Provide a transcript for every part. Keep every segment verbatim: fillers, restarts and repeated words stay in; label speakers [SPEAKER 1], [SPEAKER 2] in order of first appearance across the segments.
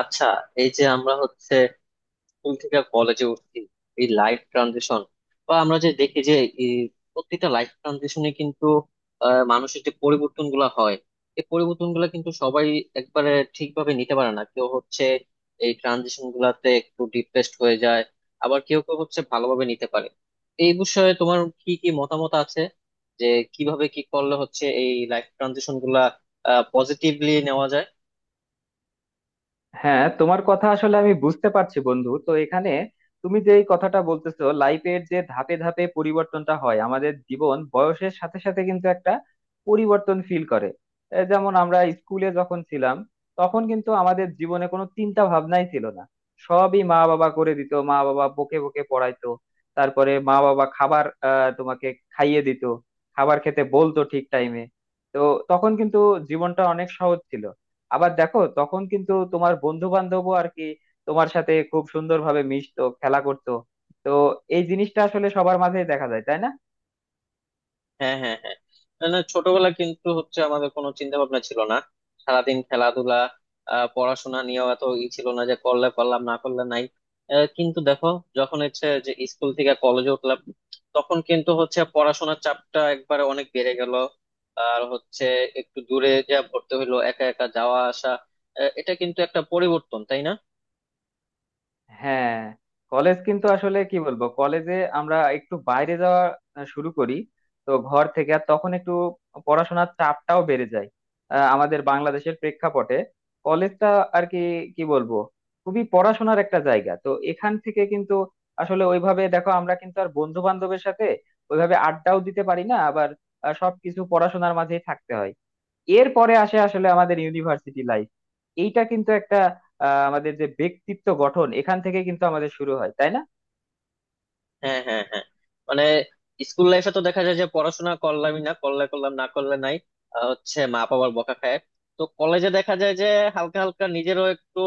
[SPEAKER 1] আচ্ছা, এই যে আমরা হচ্ছে স্কুল থেকে কলেজে উঠছি, এই লাইফ ট্রানজিশন বা আমরা যে দেখি যে এই প্রত্যেকটা লাইফ ট্রানজিশনে কিন্তু আহ, মানুষের যে পরিবর্তন গুলা হয়, এই পরিবর্তন গুলা কিন্তু সবাই একবারে ঠিকভাবে নিতে পারে না। কেউ হচ্ছে এই ট্রানজিশন গুলাতে একটু ডিপ্রেসড হয়ে যায়, আবার কেউ কেউ হচ্ছে ভালোভাবে নিতে পারে। এই বিষয়ে তোমার কি কি মতামত আছে, যে কিভাবে কি করলে হচ্ছে এই লাইফ ট্রানজিশন গুলা পজিটিভলি নেওয়া যায়?
[SPEAKER 2] হ্যাঁ, তোমার কথা আসলে আমি বুঝতে পারছি বন্ধু। তো এখানে তুমি যে এই কথাটা বলতেছো, লাইফের যে ধাপে ধাপে পরিবর্তনটা হয় আমাদের জীবন বয়সের সাথে সাথে, কিন্তু একটা পরিবর্তন ফিল করে। এ যেমন আমরা স্কুলে যখন ছিলাম, তখন কিন্তু আমাদের জীবনে কোনো চিন্তা ভাবনাই ছিল না। সবই মা বাবা করে দিত, মা বাবা বকে বকে পড়াইতো। তারপরে মা বাবা খাবার আহ তোমাকে খাইয়ে দিত, খাবার খেতে বলতো ঠিক টাইমে। তো তখন কিন্তু জীবনটা অনেক সহজ ছিল। আবার দেখো, তখন কিন্তু তোমার বন্ধু বান্ধবও আর কি তোমার সাথে খুব সুন্দরভাবে মিশতো, খেলা করতো। তো এই জিনিসটা আসলে সবার মাঝেই দেখা যায়, তাই না?
[SPEAKER 1] হ্যাঁ, হ্যাঁ, হ্যাঁ। না, না, ছোটবেলা কিন্তু হচ্ছে আমাদের কোনো চিন্তা ভাবনা ছিল না, সারাদিন খেলাধুলা। আহ, পড়াশোনা নিয়েও এত ই ছিল না, যে করলে করলাম না করলে নাই। আহ, কিন্তু দেখো, যখন হচ্ছে যে স্কুল থেকে কলেজে উঠলাম তখন কিন্তু হচ্ছে পড়াশোনার চাপটা একবারে অনেক বেড়ে গেল। আর হচ্ছে একটু দূরে যা ভর্তি হইলো, একা একা যাওয়া আসা। আহ, এটা কিন্তু একটা পরিবর্তন, তাই না?
[SPEAKER 2] হ্যাঁ, কলেজ কিন্তু আসলে কি বলবো, কলেজে আমরা একটু বাইরে যাওয়া শুরু করি। তো ঘর থেকে, আর তখন একটু পড়াশোনার চাপটাও বেড়ে যায়। আহ, আমাদের বাংলাদেশের প্রেক্ষাপটে কলেজটা আর কি, কি বলবো, খুবই পড়াশোনার একটা জায়গা। তো এখান থেকে কিন্তু আসলে ওইভাবে দেখো আমরা কিন্তু আর বন্ধু বান্ধবের সাথে ওইভাবে আড্ডাও দিতে পারি না। আবার আহ, সবকিছু পড়াশোনার মাঝেই থাকতে হয়। এরপরে আসে আসলে আমাদের ইউনিভার্সিটি লাইফ। এইটা কিন্তু একটা আহ, আমাদের যে ব্যক্তিত্ব গঠন, এখান থেকে কিন্তু আমাদের শুরু হয়, তাই না?
[SPEAKER 1] হ্যাঁ, হ্যাঁ, হ্যাঁ। মানে স্কুল লাইফে তো দেখা যায় যে পড়াশোনা করলামই না, করলে করলাম না করলে নাই। আহ, হচ্ছে মা বাবার বকা খায়। তো কলেজে দেখা যায় যে হালকা হালকা নিজেরও একটু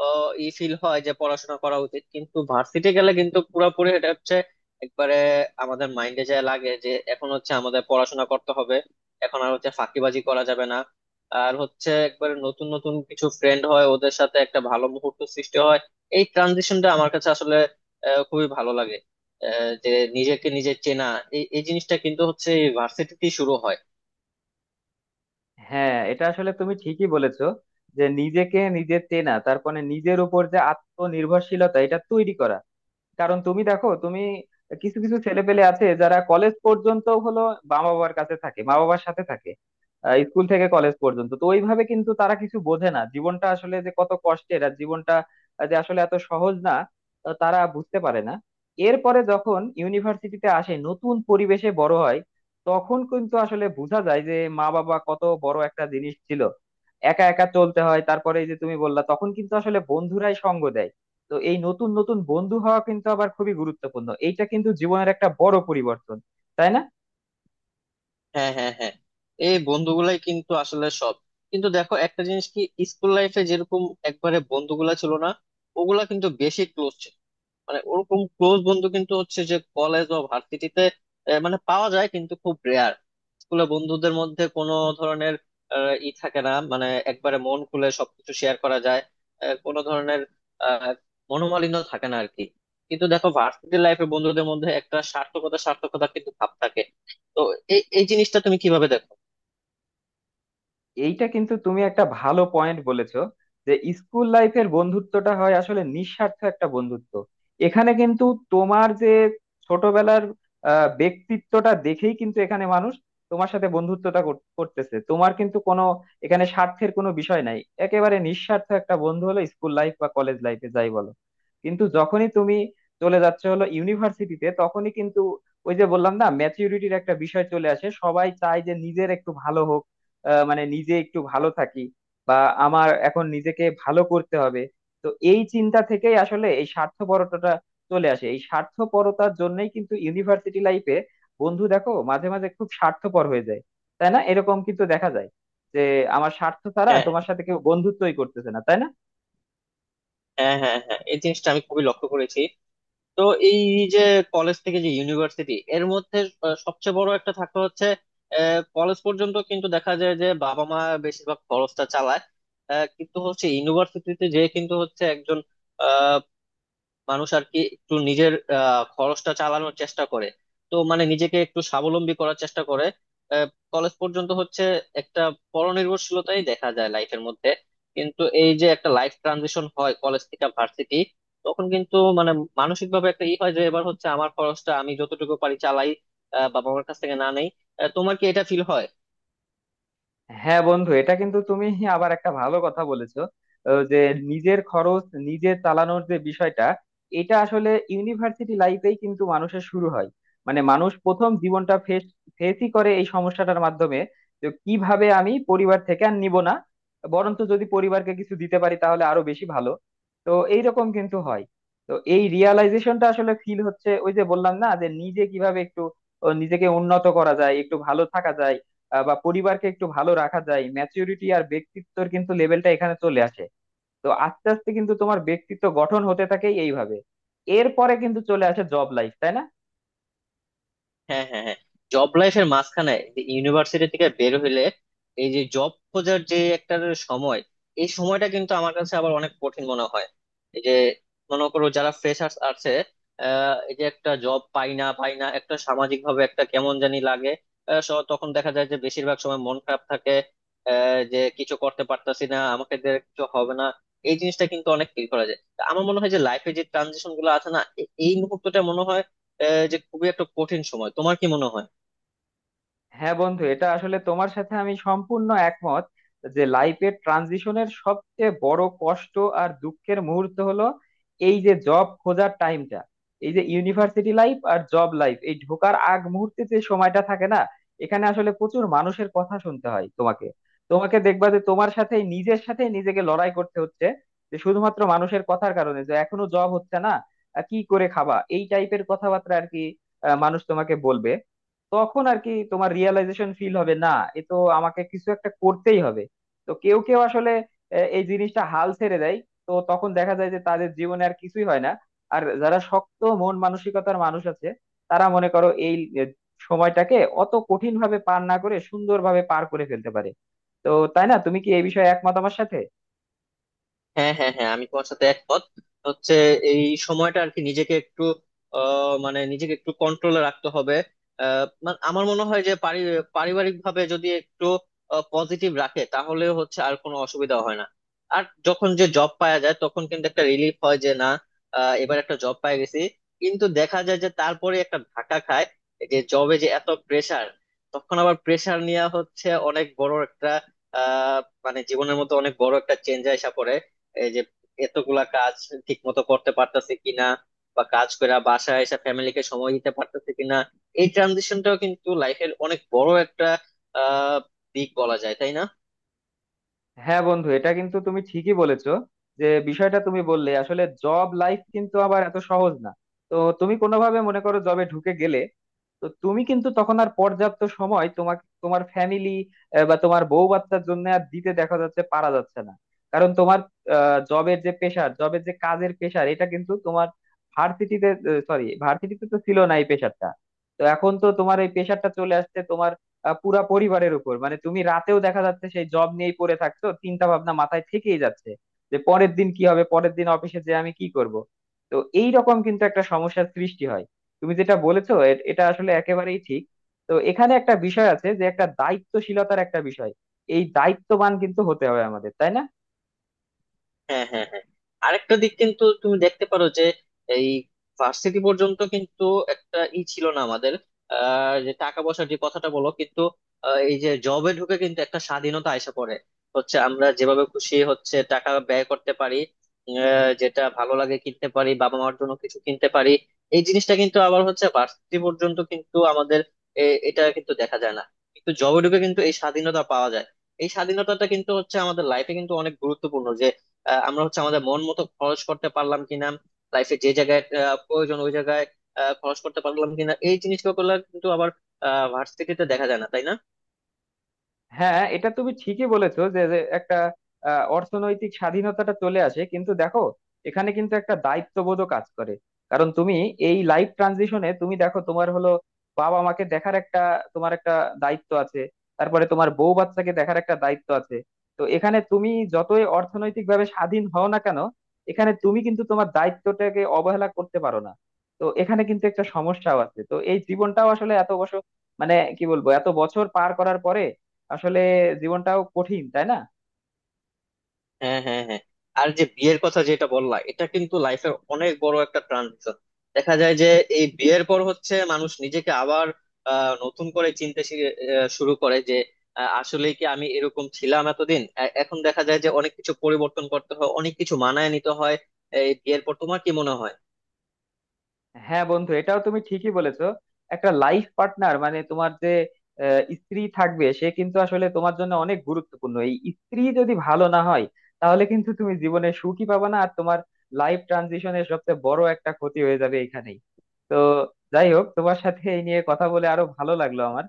[SPEAKER 1] আহ, ই ফিল হয় যে পড়াশোনা করা উচিত, কিন্তু ভার্সিটি গেলে কিন্তু পুরোপুরি এটা হচ্ছে একবারে আমাদের মাইন্ডে যায় লাগে যে এখন হচ্ছে আমাদের পড়াশোনা করতে হবে, এখন আর হচ্ছে ফাঁকিবাজি করা যাবে না। আর হচ্ছে একবারে নতুন নতুন কিছু ফ্রেন্ড হয়, ওদের সাথে একটা ভালো মুহূর্ত সৃষ্টি হয়। এই ট্রানজিশনটা আমার কাছে আসলে আহ, খুবই ভালো লাগে। আহ, যে নিজেকে নিজে চেনা, এই এই জিনিসটা কিন্তু হচ্ছে ভার্সিটিতে শুরু হয়।
[SPEAKER 2] হ্যাঁ, এটা আসলে তুমি ঠিকই বলেছো। যে নিজেকে নিজে চেনা, তারপরে নিজের উপর যে আত্মনির্ভরশীলতা, এটা তৈরি করা। কারণ তুমি দেখো, তুমি কিছু কিছু ছেলেপেলে আছে যারা কলেজ পর্যন্ত হলো মা বাবার কাছে থাকে, মা বাবার সাথে থাকে। আহ, স্কুল থেকে কলেজ পর্যন্ত তো ওইভাবে কিন্তু তারা কিছু বোঝে না, জীবনটা আসলে যে কত কষ্টের আর জীবনটা যে আসলে এত সহজ না, আহ, তারা বুঝতে পারে না। এরপরে যখন ইউনিভার্সিটিতে আসে, নতুন পরিবেশে বড় হয়, তখন কিন্তু আসলে বোঝা যায় যে মা বাবা কত বড় একটা জিনিস ছিল। একা একা চলতে হয়, তারপরে এই যে তুমি বললা, তখন কিন্তু আসলে বন্ধুরাই সঙ্গ দেয়। তো এই নতুন নতুন বন্ধু হওয়া কিন্তু আবার খুবই গুরুত্বপূর্ণ, এইটা কিন্তু জীবনের একটা বড় পরিবর্তন, তাই না?
[SPEAKER 1] হ্যাঁ, হ্যাঁ, হ্যাঁ। এই বন্ধুগুলাই কিন্তু আসলে সব। কিন্তু দেখো একটা জিনিস কি, স্কুল লাইফে যেরকম একবারে বন্ধুগুলা ছিল না, ওগুলা কিন্তু বেশি ক্লোজ। মানে ওরকম ক্লোজ বন্ধু কিন্তু হচ্ছে যে কলেজ বা ভার্সিটিতে মানে পাওয়া যায় কিন্তু খুব রেয়ার। স্কুলে বন্ধুদের মধ্যে কোনো ধরনের আহ, ই থাকে না, মানে একবারে মন খুলে সবকিছু শেয়ার করা যায়, আহ, কোনো ধরনের আহ, মনোমালিন্য থাকে না আর কি। কিন্তু দেখো, ভার্সিটি লাইফে বন্ধুদের মধ্যে একটা স্বার্থকতা স্বার্থকতা কিন্তু ভাব থাকে। তো এই এই জিনিসটা তুমি কিভাবে দেখো?
[SPEAKER 2] এইটা কিন্তু তুমি একটা ভালো পয়েন্ট বলেছো। যে স্কুল লাইফের বন্ধুত্বটা হয় আসলে নিঃস্বার্থ একটা বন্ধুত্ব। এখানে কিন্তু তোমার যে ছোটবেলার আহ, ব্যক্তিত্বটা দেখেই কিন্তু এখানে মানুষ তোমার সাথে বন্ধুত্বটা কর- করতেছে। তোমার কিন্তু কোনো, এখানে স্বার্থের কোনো বিষয় নাই। একেবারে নিঃস্বার্থ একটা বন্ধু হলো স্কুল লাইফ বা কলেজ লাইফে যাই বলো। কিন্তু যখনই তুমি চলে যাচ্ছ হলো ইউনিভার্সিটিতে, তখনই কিন্তু ওই যে বললাম না, ম্যাচিউরিটির একটা বিষয় চলে আসে। সবাই চায় যে নিজের একটু ভালো হোক, আহ, মানে নিজে একটু ভালো থাকি বা আমার এখন নিজেকে ভালো করতে হবে। তো এই চিন্তা থেকেই আসলে এই স্বার্থপরতাটা চলে আসে। এই স্বার্থপরতার জন্যই কিন্তু ইউনিভার্সিটি লাইফে বন্ধু দেখো মাঝে মাঝে খুব স্বার্থপর হয়ে যায়, তাই না? এরকম কিন্তু দেখা যায় যে আমার স্বার্থ ছাড়া
[SPEAKER 1] হ্যাঁ,
[SPEAKER 2] তোমার সাথে কেউ বন্ধুত্বই করতেছে না, তাই না?
[SPEAKER 1] হ্যাঁ, হ্যাঁ, হ্যাঁ, এই জিনিসটা আমি খুবই লক্ষ্য করেছি। তো এই যে কলেজ থেকে যে ইউনিভার্সিটি এর মধ্যে আহ, সবচেয়ে বড় একটা থাকতে হচ্ছে, কলেজ পর্যন্ত কিন্তু দেখা যায় যে বাবা মা বেশিরভাগ খরচটা চালায়। আহ, কিন্তু হচ্ছে ইউনিভার্সিটিতে যে কিন্তু হচ্ছে একজন মানুষ আর কি একটু নিজের আহ, খরচটা চালানোর চেষ্টা করে, তো মানে নিজেকে একটু স্বাবলম্বী করার চেষ্টা করে। কলেজ পর্যন্ত হচ্ছে একটা পরনির্ভরশীলতাই দেখা যায় লাইফের মধ্যে। কিন্তু এই যে একটা লাইফ ট্রানজিশন হয় কলেজ থেকে ভার্সিটি, তখন কিন্তু মানে মানসিক ভাবে একটা ই হয় যে এবার হচ্ছে আমার খরচটা আমি যতটুকু পারি চালাই, আহ, বাবা মার কাছ থেকে না নেই। আহ, তোমার কি এটা ফিল হয়?
[SPEAKER 2] হ্যাঁ বন্ধু, এটা কিন্তু তুমি আবার একটা ভালো কথা বলেছো। আহ, যে নিজের খরচ নিজে চালানোর যে বিষয়টা, এটা আসলে ইউনিভার্সিটি লাইফেই কিন্তু মানুষের শুরু হয়। মানে মানুষ প্রথম জীবনটা ফেস ফেসই করে এই সমস্যাটার মাধ্যমে। যে কিভাবে আমি পরিবার থেকে আর নিব না, বরঞ্চ যদি পরিবারকে কিছু দিতে পারি তাহলে আরো বেশি ভালো। তো এইরকম কিন্তু হয়। তো এই রিয়ালাইজেশনটা আসলে ফিল হচ্ছে ওই যে বললাম না, যে নিজে কিভাবে একটু ও, নিজেকে উন্নত করা যায়, একটু ভালো থাকা যায় আহ বা পরিবারকে একটু ভালো রাখা যায়। ম্যাচিউরিটি আর ব্যক্তিত্বর কিন্তু লেভেলটা এখানে চলে আসে। তো আস্তে আস্তে কিন্তু তোমার ব্যক্তিত্ব গঠন হতে থাকে এইভাবে। এরপরে কিন্তু চলে আসে জব লাইফ, তাই না?
[SPEAKER 1] হ্যাঁ, হ্যাঁ, হ্যাঁ। জব লাইফের মাঝখানে যে ইউনিভার্সিটি থেকে বের হইলে এই যে জব খোঁজার যে একটা সময়, এই সময়টা কিন্তু আমার কাছে আবার অনেক কঠিন মনে হয়। এই যে মনে করো যারা ফ্রেশার্স আছে, আহ, এই যে একটা জব পাই না পাই না, একটা সামাজিক ভাবে একটা কেমন জানি লাগে। আহ, স- তখন দেখা যায় যে বেশিরভাগ সময় মন খারাপ থাকে, আহ, যে কিছু করতে পারতাছি না, আমাকে দিয়ে কিছু হবে না। এই জিনিসটা কিন্তু অনেক ফিল করা যায়, তা আমার মনে হয় যে লাইফে যে ট্রানজিশন গুলো আছে না, এ- এই মুহূর্তটা মনে হয় আহ, যে খুবই একটা কঠিন সময়। তোমার কি মনে হয়?
[SPEAKER 2] হ্যাঁ বন্ধু, এটা আসলে তোমার সাথে আমি সম্পূর্ণ একমত। যে লাইফের ট্রানজিশনের সবচেয়ে বড় কষ্ট আর দুঃখের মুহূর্ত হলো এই যে জব খোঁজার টাইমটা। এই যে ইউনিভার্সিটি লাইফ আর জব লাইফ, এই ঢোকার আগ মুহূর্তে যে সময়টা থাকে না, এখানে আসলে প্রচুর মানুষের কথা শুনতে হয় তোমাকে। তোমাকে দেখবা যে তোমার সাথে, নিজের সাথে নিজেকে লড়াই করতে হচ্ছে, যে শুধুমাত্র মানুষের কথার কারণে যে এখনো জব হচ্ছে না। আহ, কি করে খাবা, এই টাইপের কথাবার্তা আর কি আহ, মানুষ তোমাকে বলবে। তখন আর কি তোমার রিয়েলাইজেশন ফিল হবে না, এ তো আমাকে কিছু একটা করতেই হবে। তো কেউ কেউ আসলে আহ, এই জিনিসটা হাল ছেড়ে দেয়। তো তখন দেখা যায় যে তাদের জীবনে আর কিছুই হয় না। আর যারা শক্ত মন মানসিকতার মানুষ আছে, তারা মনে করো এই আহ, সময়টাকে অত কঠিন ভাবে পার না করে সুন্দরভাবে পার করে ফেলতে পারে। তো তাই না, তুমি কি এই বিষয়ে একমত আমার সাথে?
[SPEAKER 1] হ্যাঁ, হ্যাঁ, হ্যাঁ, আমি তোমার সাথে একমত। হচ্ছে এই সময়টা আর কি নিজেকে একটু আহ, মানে নিজেকে একটু কন্ট্রোলে রাখতে হবে। আহ, মানে আমার মনে হয় যে পারিবারিক ভাবে যদি একটু পজিটিভ রাখে তাহলে হচ্ছে আর কোনো অসুবিধা হয় না। আর যখন যে জব পাওয়া যায় তখন কিন্তু একটা রিলিফ হয় যে না, আহ, এবার একটা জব পাই গেছি। কিন্তু দেখা যায় যে তারপরে একটা ধাক্কা খায়, এই যে জবে যে এত প্রেসার। তখন আবার প্রেসার নিয়ে হচ্ছে অনেক বড় একটা আহ মানে জীবনের মতো অনেক বড় একটা চেঞ্জ আসা পড়ে। এই যে এতগুলা কাজ ঠিক মতো করতে পারতেছে কিনা, বা কাজ করে বাসায় এসে ফ্যামিলিকে সময় দিতে পারতেছে কিনা, এই ট্রানজিশনটাও কিন্তু লাইফের অনেক বড় একটা আহ দিক বলা যায়, তাই না?
[SPEAKER 2] হ্যাঁ বন্ধু, এটা কিন্তু তুমি ঠিকই বলেছো। যে বিষয়টা তুমি বললে আসলে, জব লাইফ কিন্তু আবার এত সহজ না। তো তুমি কোনোভাবে মনে করো জবে ঢুকে গেলে, তো তুমি কিন্তু তখন আর পর্যাপ্ত সময় তোমাকে তোমার ফ্যামিলি বা তোমার বউ বাচ্চার জন্য আর দিতে, দেখা যাচ্ছে পারা যাচ্ছে না। কারণ তোমার জবের যে পেশার, জবের যে কাজের পেশার, এটা কিন্তু তোমার ভার্সিটিতে, সরি, ভার্সিটিতে তো ছিল না এই পেশারটা। তো এখন তো তোমার এই পেশারটা চলে আসছে তোমার আহ, পুরা পরিবারের উপর। মানে তুমি রাতেও দেখা যাচ্ছে সেই জব নিয়েই পড়ে থাকছো, চিন্তা ভাবনা মাথায় থেকেই যাচ্ছে যে পরের দিন কি হবে, পরের দিন অফিসে যে আমি কি করব। তো এই রকম কিন্তু একটা সমস্যার সৃষ্টি হয়। তুমি যেটা বলেছো এ- এটা আসলে একেবারেই ঠিক। তো এখানে একটা বিষয় আছে, যে একটা দায়িত্বশীলতার একটা বিষয়। এই দায়িত্ববান কিন্তু হতে হবে আমাদের, তাই না?
[SPEAKER 1] হ্যাঁ, হ্যাঁ, হ্যাঁ। আরেকটা দিক কিন্তু তুমি দেখতে পারো যে এই ভার্সিটি পর্যন্ত কিন্তু একটা ই ছিল না আমাদের, আহ, যে টাকা পয়সার যে কথাটা বলো, কিন্তু আহ, এই যে জবে ঢুকে কিন্তু একটা স্বাধীনতা আইসা পড়ে। হচ্ছে আমরা যেভাবে খুশি হচ্ছে টাকা ব্যয় করতে পারি, আহ, যেটা ভালো লাগে কিনতে পারি, বাবা মার জন্য কিছু কিনতে পারি। এই জিনিসটা কিন্তু আবার হচ্ছে ভার্সিটি পর্যন্ত কিন্তু আমাদের এ- এটা কিন্তু দেখা যায় না। কিন্তু জবে ঢুকে কিন্তু এই স্বাধীনতা পাওয়া যায়। এই স্বাধীনতাটা কিন্তু হচ্ছে আমাদের লাইফে কিন্তু অনেক গুরুত্বপূর্ণ। আহ, আমরা হচ্ছে আমাদের মন মতো খরচ করতে পারলাম কিনা, লাইফে যে জায়গায় আহ, প্রয়োজন ওই জায়গায় আহ, খরচ করতে পারলাম কিনা, এই জিনিসগুলো কিন্তু আবার ভার্সিটিতে দেখা যায় না, তাই না?
[SPEAKER 2] হ্যাঁ, এটা তুমি ঠিকই বলেছো। যে যে একটা আহ, অর্থনৈতিক স্বাধীনতাটা চলে আসে, কিন্তু দেখো এখানে কিন্তু একটা দায়িত্ববোধও কাজ করে। কারণ তুমি এই লাইফ ট্রানজিশনে তুমি দেখো তোমার হলো বাবা মাকে দেখার একটা, তোমার একটা দায়িত্ব আছে। তারপরে তোমার বউ বাচ্চাকে দেখার একটা দায়িত্ব আছে। তো এখানে তুমি যতই অর্থনৈতিক ভাবে স্বাধীন হও না কেন, এখানে তুমি কিন্তু তোমার দায়িত্বটাকে অবহেলা করতে পারো না। তো এখানে কিন্তু একটা সমস্যাও আছে। তো এই জীবনটাও আসলে এত বছর, মানে কি বলবো, এত বছর পার করার পরে আসলে জীবনটাও কঠিন, তাই না?
[SPEAKER 1] হ্যাঁ, হ্যাঁ, হ্যাঁ। আর যে বিয়ের কথা যেটা বললা, এটা কিন্তু লাইফের অনেক বড় একটা ট্রানজিশন। দেখা যায় যে এই বিয়ের পর হচ্ছে মানুষ নিজেকে আবার আহ, নতুন করে চিনতে শি- আহ, শুরু করে, যে আসলে কি আমি এরকম ছিলাম এতদিন। এ- এখন দেখা যায় যে অনেক কিছু পরিবর্তন করতে হয়, অনেক কিছু মানায় নিতে হয়। এই বিয়ের পর তোমার কি মনে হয়?
[SPEAKER 2] হ্যাঁ বন্ধু, এটাও তুমি ঠিকই বলেছো। একটা লাইফ পার্টনার, মানে তোমার যে আহ, স্ত্রী থাকবে, সে কিন্তু আসলে তোমার জন্য অনেক গুরুত্বপূর্ণ। এই স্ত্রী যদি ভালো না হয়, তাহলে কিন্তু তুমি জীবনে সুখী পাবে না আর তোমার লাইফ ট্রানজিশনের সবচেয়ে বড় একটা ক্ষতি হয়ে যাবে এখানেই। তো যাই হোক, তোমার সাথে এই নিয়ে কথা বলে আরো ভালো লাগলো আমার।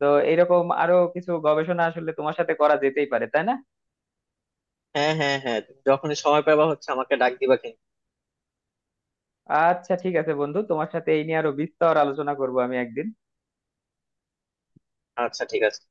[SPEAKER 2] তো এরকম আরো কিছু গবেষণা আসলে তোমার সাথে করা যেতেই পারে, তাই না?
[SPEAKER 1] হ্যাঁ, হ্যাঁ, হ্যাঁ, তুমি যখনই সময় পাবা হচ্ছে আমাকে ডাক দিবা কিন্তু।
[SPEAKER 2] আচ্ছা, ঠিক আছে বন্ধু, তোমার সাথে এই নিয়ে আরো বিস্তর আলোচনা করবো আমি একদিন।
[SPEAKER 1] আচ্ছা, ঠিক আছে।